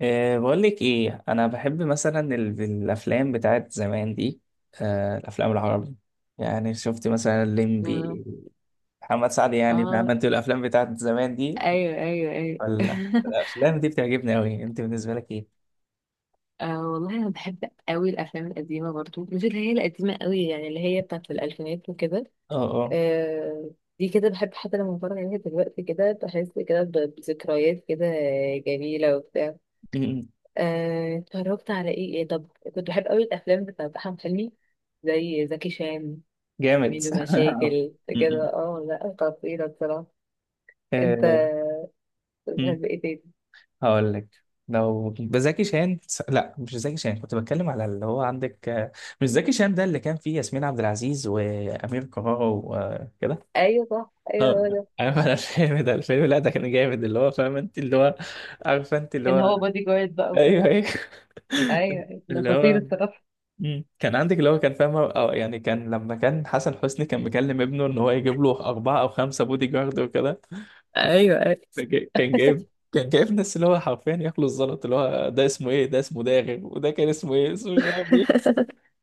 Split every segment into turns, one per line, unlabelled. بقول لك ايه، انا بحب مثلا الافلام بتاعت زمان دي. الافلام العربي، يعني شفت مثلا
اه
الليمبي محمد سعد. يعني فاهم
اه
انت الافلام بتاعت زمان دي
ايوه ايوه ايوه
ولا؟ الافلام دي بتعجبني قوي، انت بالنسبه لك ايه؟
آه والله انا بحب قوي الافلام القديمه برضو، مش اللي هي القديمه قوي، يعني اللي هي بتاعت الالفينات وكده.
اه. اه.
آه دي كده بحب، حتى لما بتفرج عليها دلوقتي كده بحس كده بذكريات كده جميله وبتاع.
م-م.
اتفرجت على ايه ايه؟ طب كنت بحب قوي الافلام بتاعت احمد حلمي، زي زكي شان،
جامد
ميدو مشاكل
م-م.
كده. اه لا، خطيره بصراحه. انت
أه م.
بتحب ايه تاني؟
هقول لك، لو بزكي شان، لا مش زكي شان، كنت بتكلم على اللي هو عندك، مش زكي شان ده اللي كان فيه ياسمين عبد العزيز وامير كرارة وكده.
ايوه صح، ايوه
اه،
هو ده.
عارف انا الفيلم ده، الفيلم لا ده كان جامد، اللي هو فاهم انت، اللي هو عارفه انت اللي
كان
هو.
هو بودي جارد بقى
ايوه
وكده.
ايوه
ايوه أيوة، ده
اللي
خطير
هو
الصراحه.
كان عندك اللي هو كان فاهم، أو يعني كان لما كان حسن حسني كان مكلم ابنه ان هو يجيب له اربعه او خمسه بودي جارد وكده.
ايوه ايوه
كان جايب، كان جايب ناس اللي هو حرفيا ياكلوا الزلط. اللي هو ده اسمه ايه؟ ده اسمه داغر، وده كان اسمه ايه؟ اسمه مش عارف.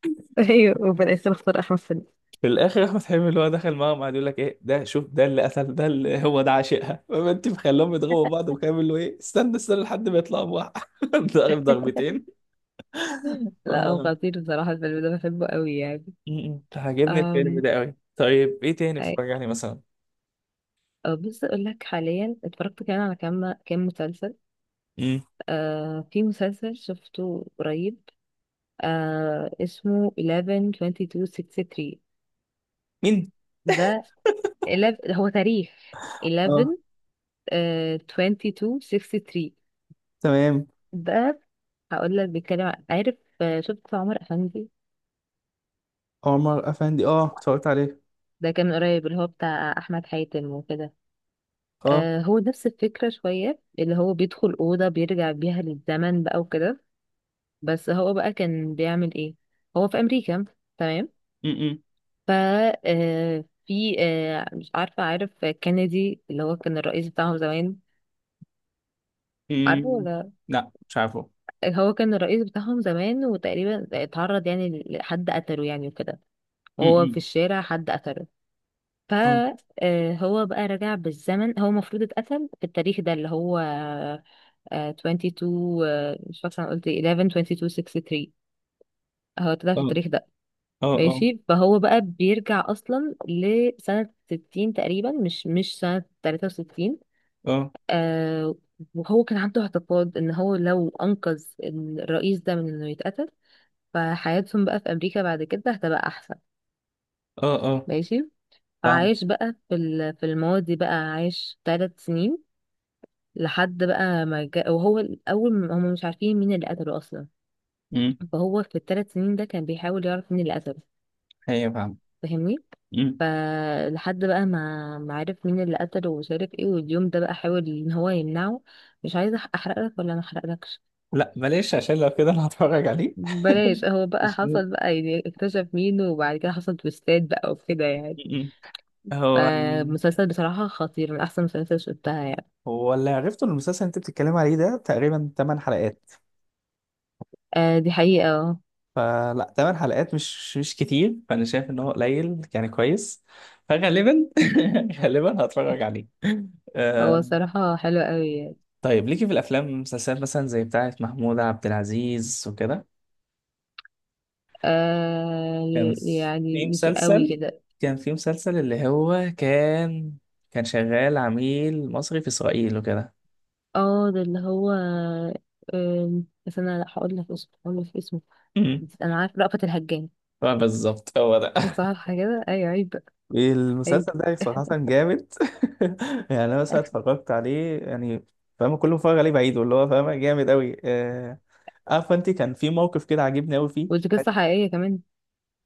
ايوه وبدأ يصير اختار احمد سعيد.
في الاخر احمد حلمي اللي هو دخل معاهم، قعد يقول لك: ايه ده؟ شوف ده اللي قتل ده، اللي هو ده عاشقها، فما انت مخليهم يضربوا بعض؟ وكامل اللي هو ايه، استنى استنى لحد ما يطلعوا بواحد. ضارب ضربتين. ف
لا هو
م-
خطير بصراحه، الفيلم ده بحبه قوي يعني.
عاجبني الفيلم
أم...
ده قوي. طيب ايه تاني اتفرج
أي-
عليه مثلا؟
أه، بص اقول لك، حاليا اتفرجت كمان على كام كام مسلسل.
م.
في مسلسل شفته قريب، اسمه 11-22-63.
مين؟
ده 11 هو تاريخ 11
اه،
، 22 63.
فاهم.
ده هقول لك بيتكلم عارف، شفت عمر أفندي؟
عمر افندي، اه اتفرجت عليه.
ده كان من قريب، اللي هو بتاع أحمد حاتم وكده.
اه.
هو نفس الفكرة شوية، اللي هو بيدخل أوضة بيرجع بيها للزمن بقى وكده. بس هو بقى كان بيعمل إيه؟ هو في أمريكا، تمام.
م- م.
ف آه، في آه، مش عارفة عارف كينيدي اللي هو كان الرئيس بتاعهم زمان؟ عارفه
م.
ولا؟
لا مش عارفه.
هو كان الرئيس بتاعهم زمان، وتقريبا اتعرض يعني لحد قتله يعني وكده،
م-
وهو في
م.
الشارع حد قتله.
اه.
فهو بقى رجع بالزمن. هو المفروض اتقتل في التاريخ ده اللي هو 22 ، مش فاكره انا قلت ايه، 11 22 63. هو اتقتل
اه
في التاريخ ده،
اه. اه
ماشي. فهو بقى بيرجع اصلا لسنه 60 تقريبا، مش سنه 63.
اه.
آه. وهو كان عنده اعتقاد ان هو لو انقذ الرئيس ده من انه يتقتل، فحياتهم بقى في امريكا بعد كده هتبقى احسن،
اه. اه،
ماشي.
فاهم.
فعايش بقى في في الماضي بقى، عايش 3 سنين، لحد بقى ما جا... وهو الاول هم مش عارفين مين اللي قتله اصلا.
امم.
فهو في الثلاث سنين ده كان بيحاول يعرف مين اللي قتله،
ايوه فاهم.
فاهمني؟
امم.
فلحد بقى ما عرف مين اللي قتله ومش عارف ايه، واليوم ده بقى حاول ان هو يمنعه. مش عايزه احرق لك ولا ما احرقلكش؟
لا بلاش، عشان لو كده انا هتفرج عليه.
بلاش. هو بقى
اسمه
حصل بقى يعني اكتشف مين، وبعد كده حصل تويستات بقى وكده يعني.
م-م. هو.
فمسلسل بصراحة خطير، من أحسن مسلسل شفتها يعني.
هو اللي عرفته إن المسلسل اللي انت بتتكلم عليه ده تقريبا 8 حلقات.
آه دي حقيقة، اه.
فلا، 8 حلقات مش كتير، فانا شايف ان هو قليل يعني، كويس. فغالبا غالبا هتفرج عليه.
هو
آه.
الصراحة حلو قوي.
طيب ليكي في الافلام والمسلسلات مثلا زي بتاعه محمود عبد العزيز وكده؟
آه
كان
يعني
في
مش قوي
مسلسل،
كده.
كان في مسلسل اللي هو كان كان شغال عميل مصري في اسرائيل وكده.
اه، ده اللي هو بس انا، لا هقول لك اسمه، هقول لك اسمه.
م.
بس انا عارف، رأفت الهجان.
بالظبط هو ده
صح كده ايوه، عيب بقى. ايوه.
المسلسل ده صراحة جامد. يعني أنا مثلا اتفرجت عليه يعني، فاهم؟ كل ما اتفرج عليه بعيده اللي هو فاهم، جامد أوي. عارفة أنت كان في موقف كده عاجبني أوي فيه.
ودي قصة حقيقية كمان.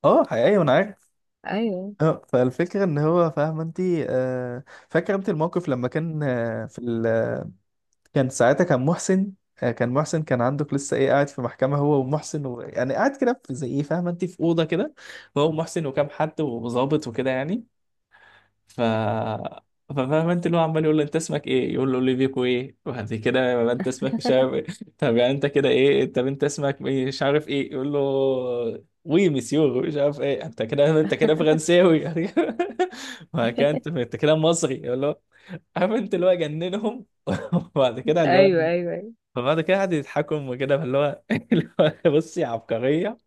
أه حقيقي، وأنا عارف.
ايوه
فالفكرة إن هو فاهم أنت، آه، فاكر أنت الموقف لما كان، كان ساعتها كان محسن، كان محسن، كان عندك لسه إيه، قاعد في محكمة هو ومحسن، يعني قاعد كده في زي إيه، فاهم أنت، في أوضة كده، هو ومحسن وكام حد وظابط وكده يعني. ف ففاهم انت، اللي هو عمال يقول له: انت اسمك ايه؟ يقول له: اوليفيكو ايه. وبعد كده يبقى انت اسمك مش عارف ايه طب يعني انت كده ايه؟ طب انت اسمك مش عارف ايه؟ يقول له: وي مسيو مش عارف ايه. انت كده، انت كده فرنساوي يعني. وهكذا، انت كده مصري يقول له. عارف انت، اللي هو جننهم وبعد كده اللي هو،
ايوه ايوه ايوه.
فبعد كده قعدوا يضحكوا وكده، فاللي هو اللي هو بصي عبقرية.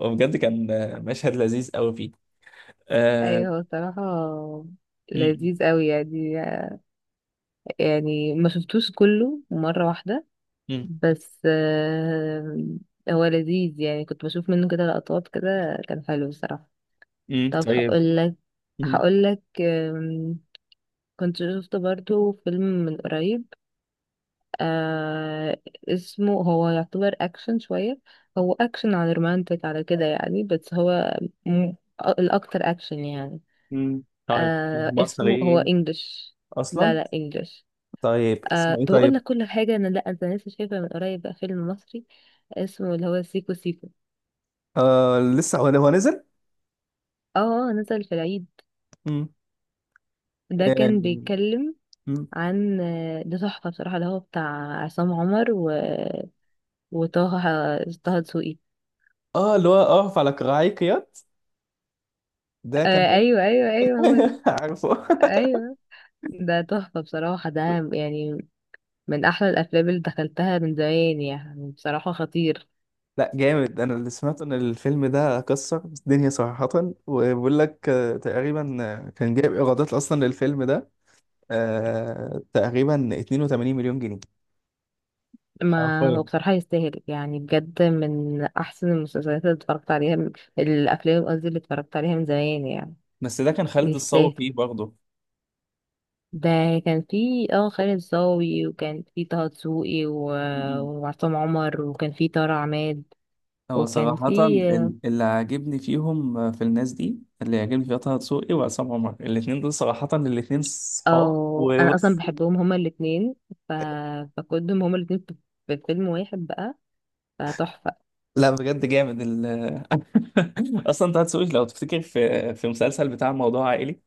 وبجد كان مشهد لذيذ قوي فيه. آه...
ايوه هو صراحة
م-
لذيذ قوي يعني. يعني ما شفتوش كله مرة واحدة،
م-
بس آه هو لذيذ يعني. كنت بشوف منه كده لقطات كده، كان حلو الصراحة. طب
طيب.
هقول لك، كنت شفت برضو فيلم من قريب، آه اسمه، هو يعتبر اكشن شوية، هو اكشن على رومانتك على كده يعني، بس هو م- الاكتر اكشن يعني.
طيب مصر
اسمه هو
ايه
انجلش. لا
اصلا؟
لا انجلش.
طيب اسمه ايه
طب اقول
طيب؟
لك كل حاجة، انا لا، انت لسه شايفة من قريب بقى فيلم مصري اسمه اللي هو سيكو سيكو؟
آه، لسه، هو هو نزل.
اه. نزل في العيد.
مم.
ده
اه.
كان بيتكلم
مم.
عن، ده تحفة بصراحة اللي هو بتاع عصام عمر و... وطه دسوقي.
اللي هو اقف على كراعي قياد، ده كان هو.
أيوه أيوه أيوه، هو ده.
عارفه.
أيوه، ده تحفة بصراحة ده، يعني من أحلى الأفلام اللي دخلتها من زمان يعني، بصراحة خطير.
لا جامد، انا اللي سمعت ان الفيلم ده كسر الدنيا صراحة. وبيقول لك تقريبا، كان جايب ايرادات اصلا للفيلم ده آه تقريبا 82 مليون جنيه
ما هو
حرفيا.
بصراحة يستاهل، يعني بجد من أحسن المسلسلات اللي اتفرجت عليها الأفلام قصدي اللي اتفرجت عليها من زمان يعني،
بس ده كان خالد الصاوي
يستاهل.
فيه برضه.
ده كان في اه خالد صاوي، وكان في طه دسوقي و... وعصام عمر، وكان في طارق عماد
هو
وكان
صراحة
في
اللي عاجبني فيهم، في الناس دي اللي عاجبني فيها طه دسوقي وعصام عمر، الاتنين دول صراحة الاتنين صحاب
اه انا اصلا
وبص.
بحبهم هما الاتنين. ف... فكنتهم هما الاتنين في في فيلم واحد بقى، فتحفة.
لا بجد جامد أصلا طه دسوقي لو تفتكر في مسلسل بتاع موضوع عائلي،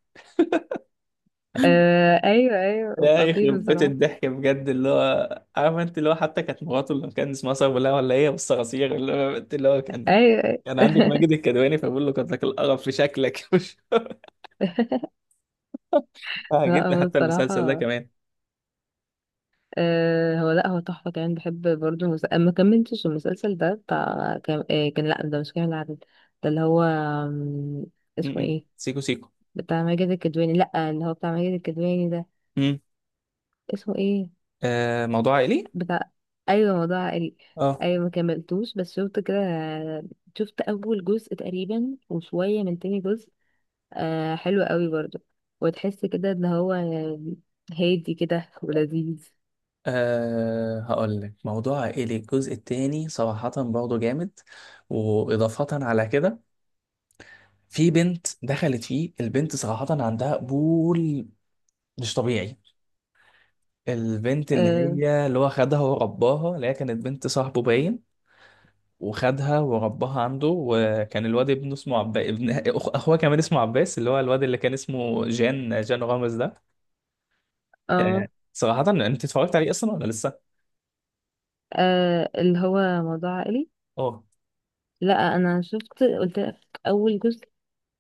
آه ايوه ايوه
يا
خطير
يخرب بيت
بصراحة،
الضحك بجد. اللي هو عارف انت، اللي هو حتى كانت مراته اللي كان اسمها صغيرة ولا هي بس صراصير. اللي هو انت اللي هو كان،
ايوه ايوه
كان عندك ماجد الكدواني، فبقول له: قد لك القرف في شكلك مش
لا
عاجبني؟
هو
حتى المسلسل ده
الصراحة،
كمان.
آه هو لا هو تحفة. كمان بحب برضه ما كملتش المسلسل ده
م-
بتاع، كان لا، ده مش كامل العدد. ده اللي هو اسمه
م.
ايه؟
سيكو سيكو.
بتاع ماجد الكدواني. لا، اللي هو بتاع ماجد الكدواني ده
م.
اسمه ايه؟
آه، موضوع عائلي.
بتاع، ايوه، موضوع عائلي.
اه.
ايوه ما كملتوش، بس شفت كده. شفت اول جزء تقريبا وشويه من تاني جزء. آه حلو قوي برضو، وتحس كده ان هو هادي كده ولذيذ.
أه، هقول لك، موضوع عائلي الجزء التاني صراحة برضه جامد. وإضافة على كده، في بنت دخلت فيه، البنت صراحة عندها قبول مش طبيعي. البنت اللي
آه،
هي اللي هو خدها ورباها، اللي هي كانت بنت صاحبه باين، وخدها ورباها عنده. وكان الواد ابنه اسمه عباس، ابن اخوه كمان اسمه عباس، اللي هو الواد اللي كان اسمه جان، جان رامز ده.
اه
أه. صراحة انت اتفرجت عليه اصلا ولا لسه؟
اه، اللي هو موضوع عائلي.
اه.
لا انا شفت قلت لك، اول جزء،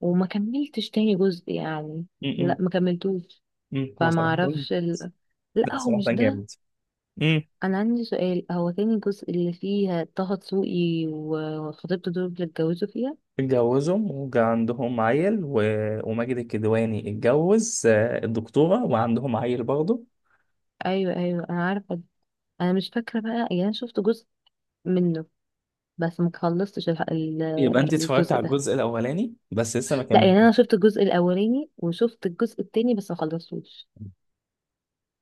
وما كملتش تاني جزء يعني.
م-
لا
م-
ما كملتوش.
م. هو
فما
صراحة،
اعرفش لا
لا
هو
صلاح ده
مش ده.
جامد. امم.
انا عندي سؤال، هو تاني جزء اللي فيها طه دسوقي وخطيبته دول اللي اتجوزوا فيها؟
اتجوزوا وجا عندهم عيل وماجد الكدواني اتجوز الدكتورة وعندهم عيل برضه.
ايوه ايوه انا عارفه ده. انا مش فاكره بقى يعني، انا شفت جزء منه بس ما خلصتش
يبقى انت اتفرجت
الجزء
على
ده.
الجزء الاولاني بس لسه ما
لا
كملت؟
يعني انا شفت الجزء الاولاني وشفت الجزء التاني بس ما خلصتوش.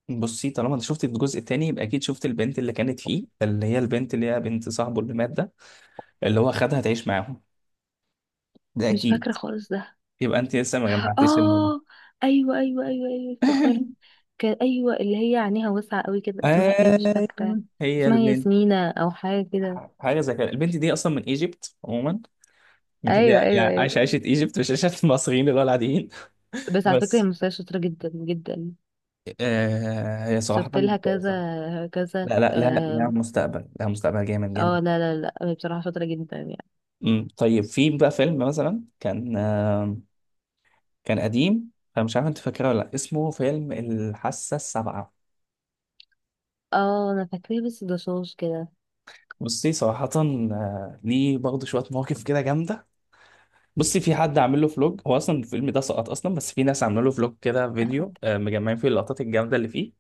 بصي، طالما انت شفت الجزء التاني يبقى اكيد شفت البنت اللي كانت فيه، اللي هي البنت اللي هي بنت صاحبه اللي مات ده، اللي هو خدها تعيش معاهم، ده
مش
اكيد.
فاكره خالص ده.
يبقى انت لسه ما جمعتيش الموضوع.
اه ايوه ايوه ايوه ايوه افتكرت. كان ايوه اللي هي عينيها واسعه قوي كده، اسمها ايه مش فاكره.
ايوه هي
اسمها
البنت.
ياسمينة او حاجه كده.
حاجه زي كده. البنت دي اصلا من ايجيبت عموما، من اللي
ايوه
هي
ايوه
يعني عايشه
ايوه.
عيشه ايجيبت مش عيشه المصريين اللي هو العاديين.
بس على فكرة هي
بس
ممثلة شاطرة جدا جدا.
آه، هي صراحة
شفت لها
كويسة.
كذا كذا
لا
اه.
مستقبل، لا مستقبل جامد جامد.
لا لا لا، هي بصراحة شاطرة جدا يعني.
أمم، طيب في بقى فيلم مثلا كان آه، كان قديم، انا مش عارف انت فاكره ولا لا، اسمه فيلم الحاسة السابعة.
اه انا فاكراه بس ده شوش كده.
بصي صراحة آه ليه برضه شوية مواقف كده جامدة. بصي، في حد عامل له فلوج. هو اصلا الفيلم ده سقط اصلا، بس في ناس عامله له فلوج كده، فيديو آه مجمعين فيه اللقطات الجامدة اللي فيه.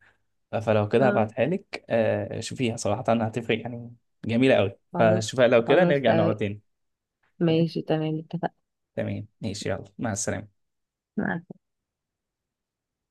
فلو كده
اه
هبعتها لك، آه شوفيها صراحة هتفرق يعني. جميلة قوي،
خلاص
فشوفها. لو كده
خلاص
نرجع
تمام.
نقعد تاني. تمام.
ماشي تمام اتفقنا.
تمام ماشي، يلا مع السلامة.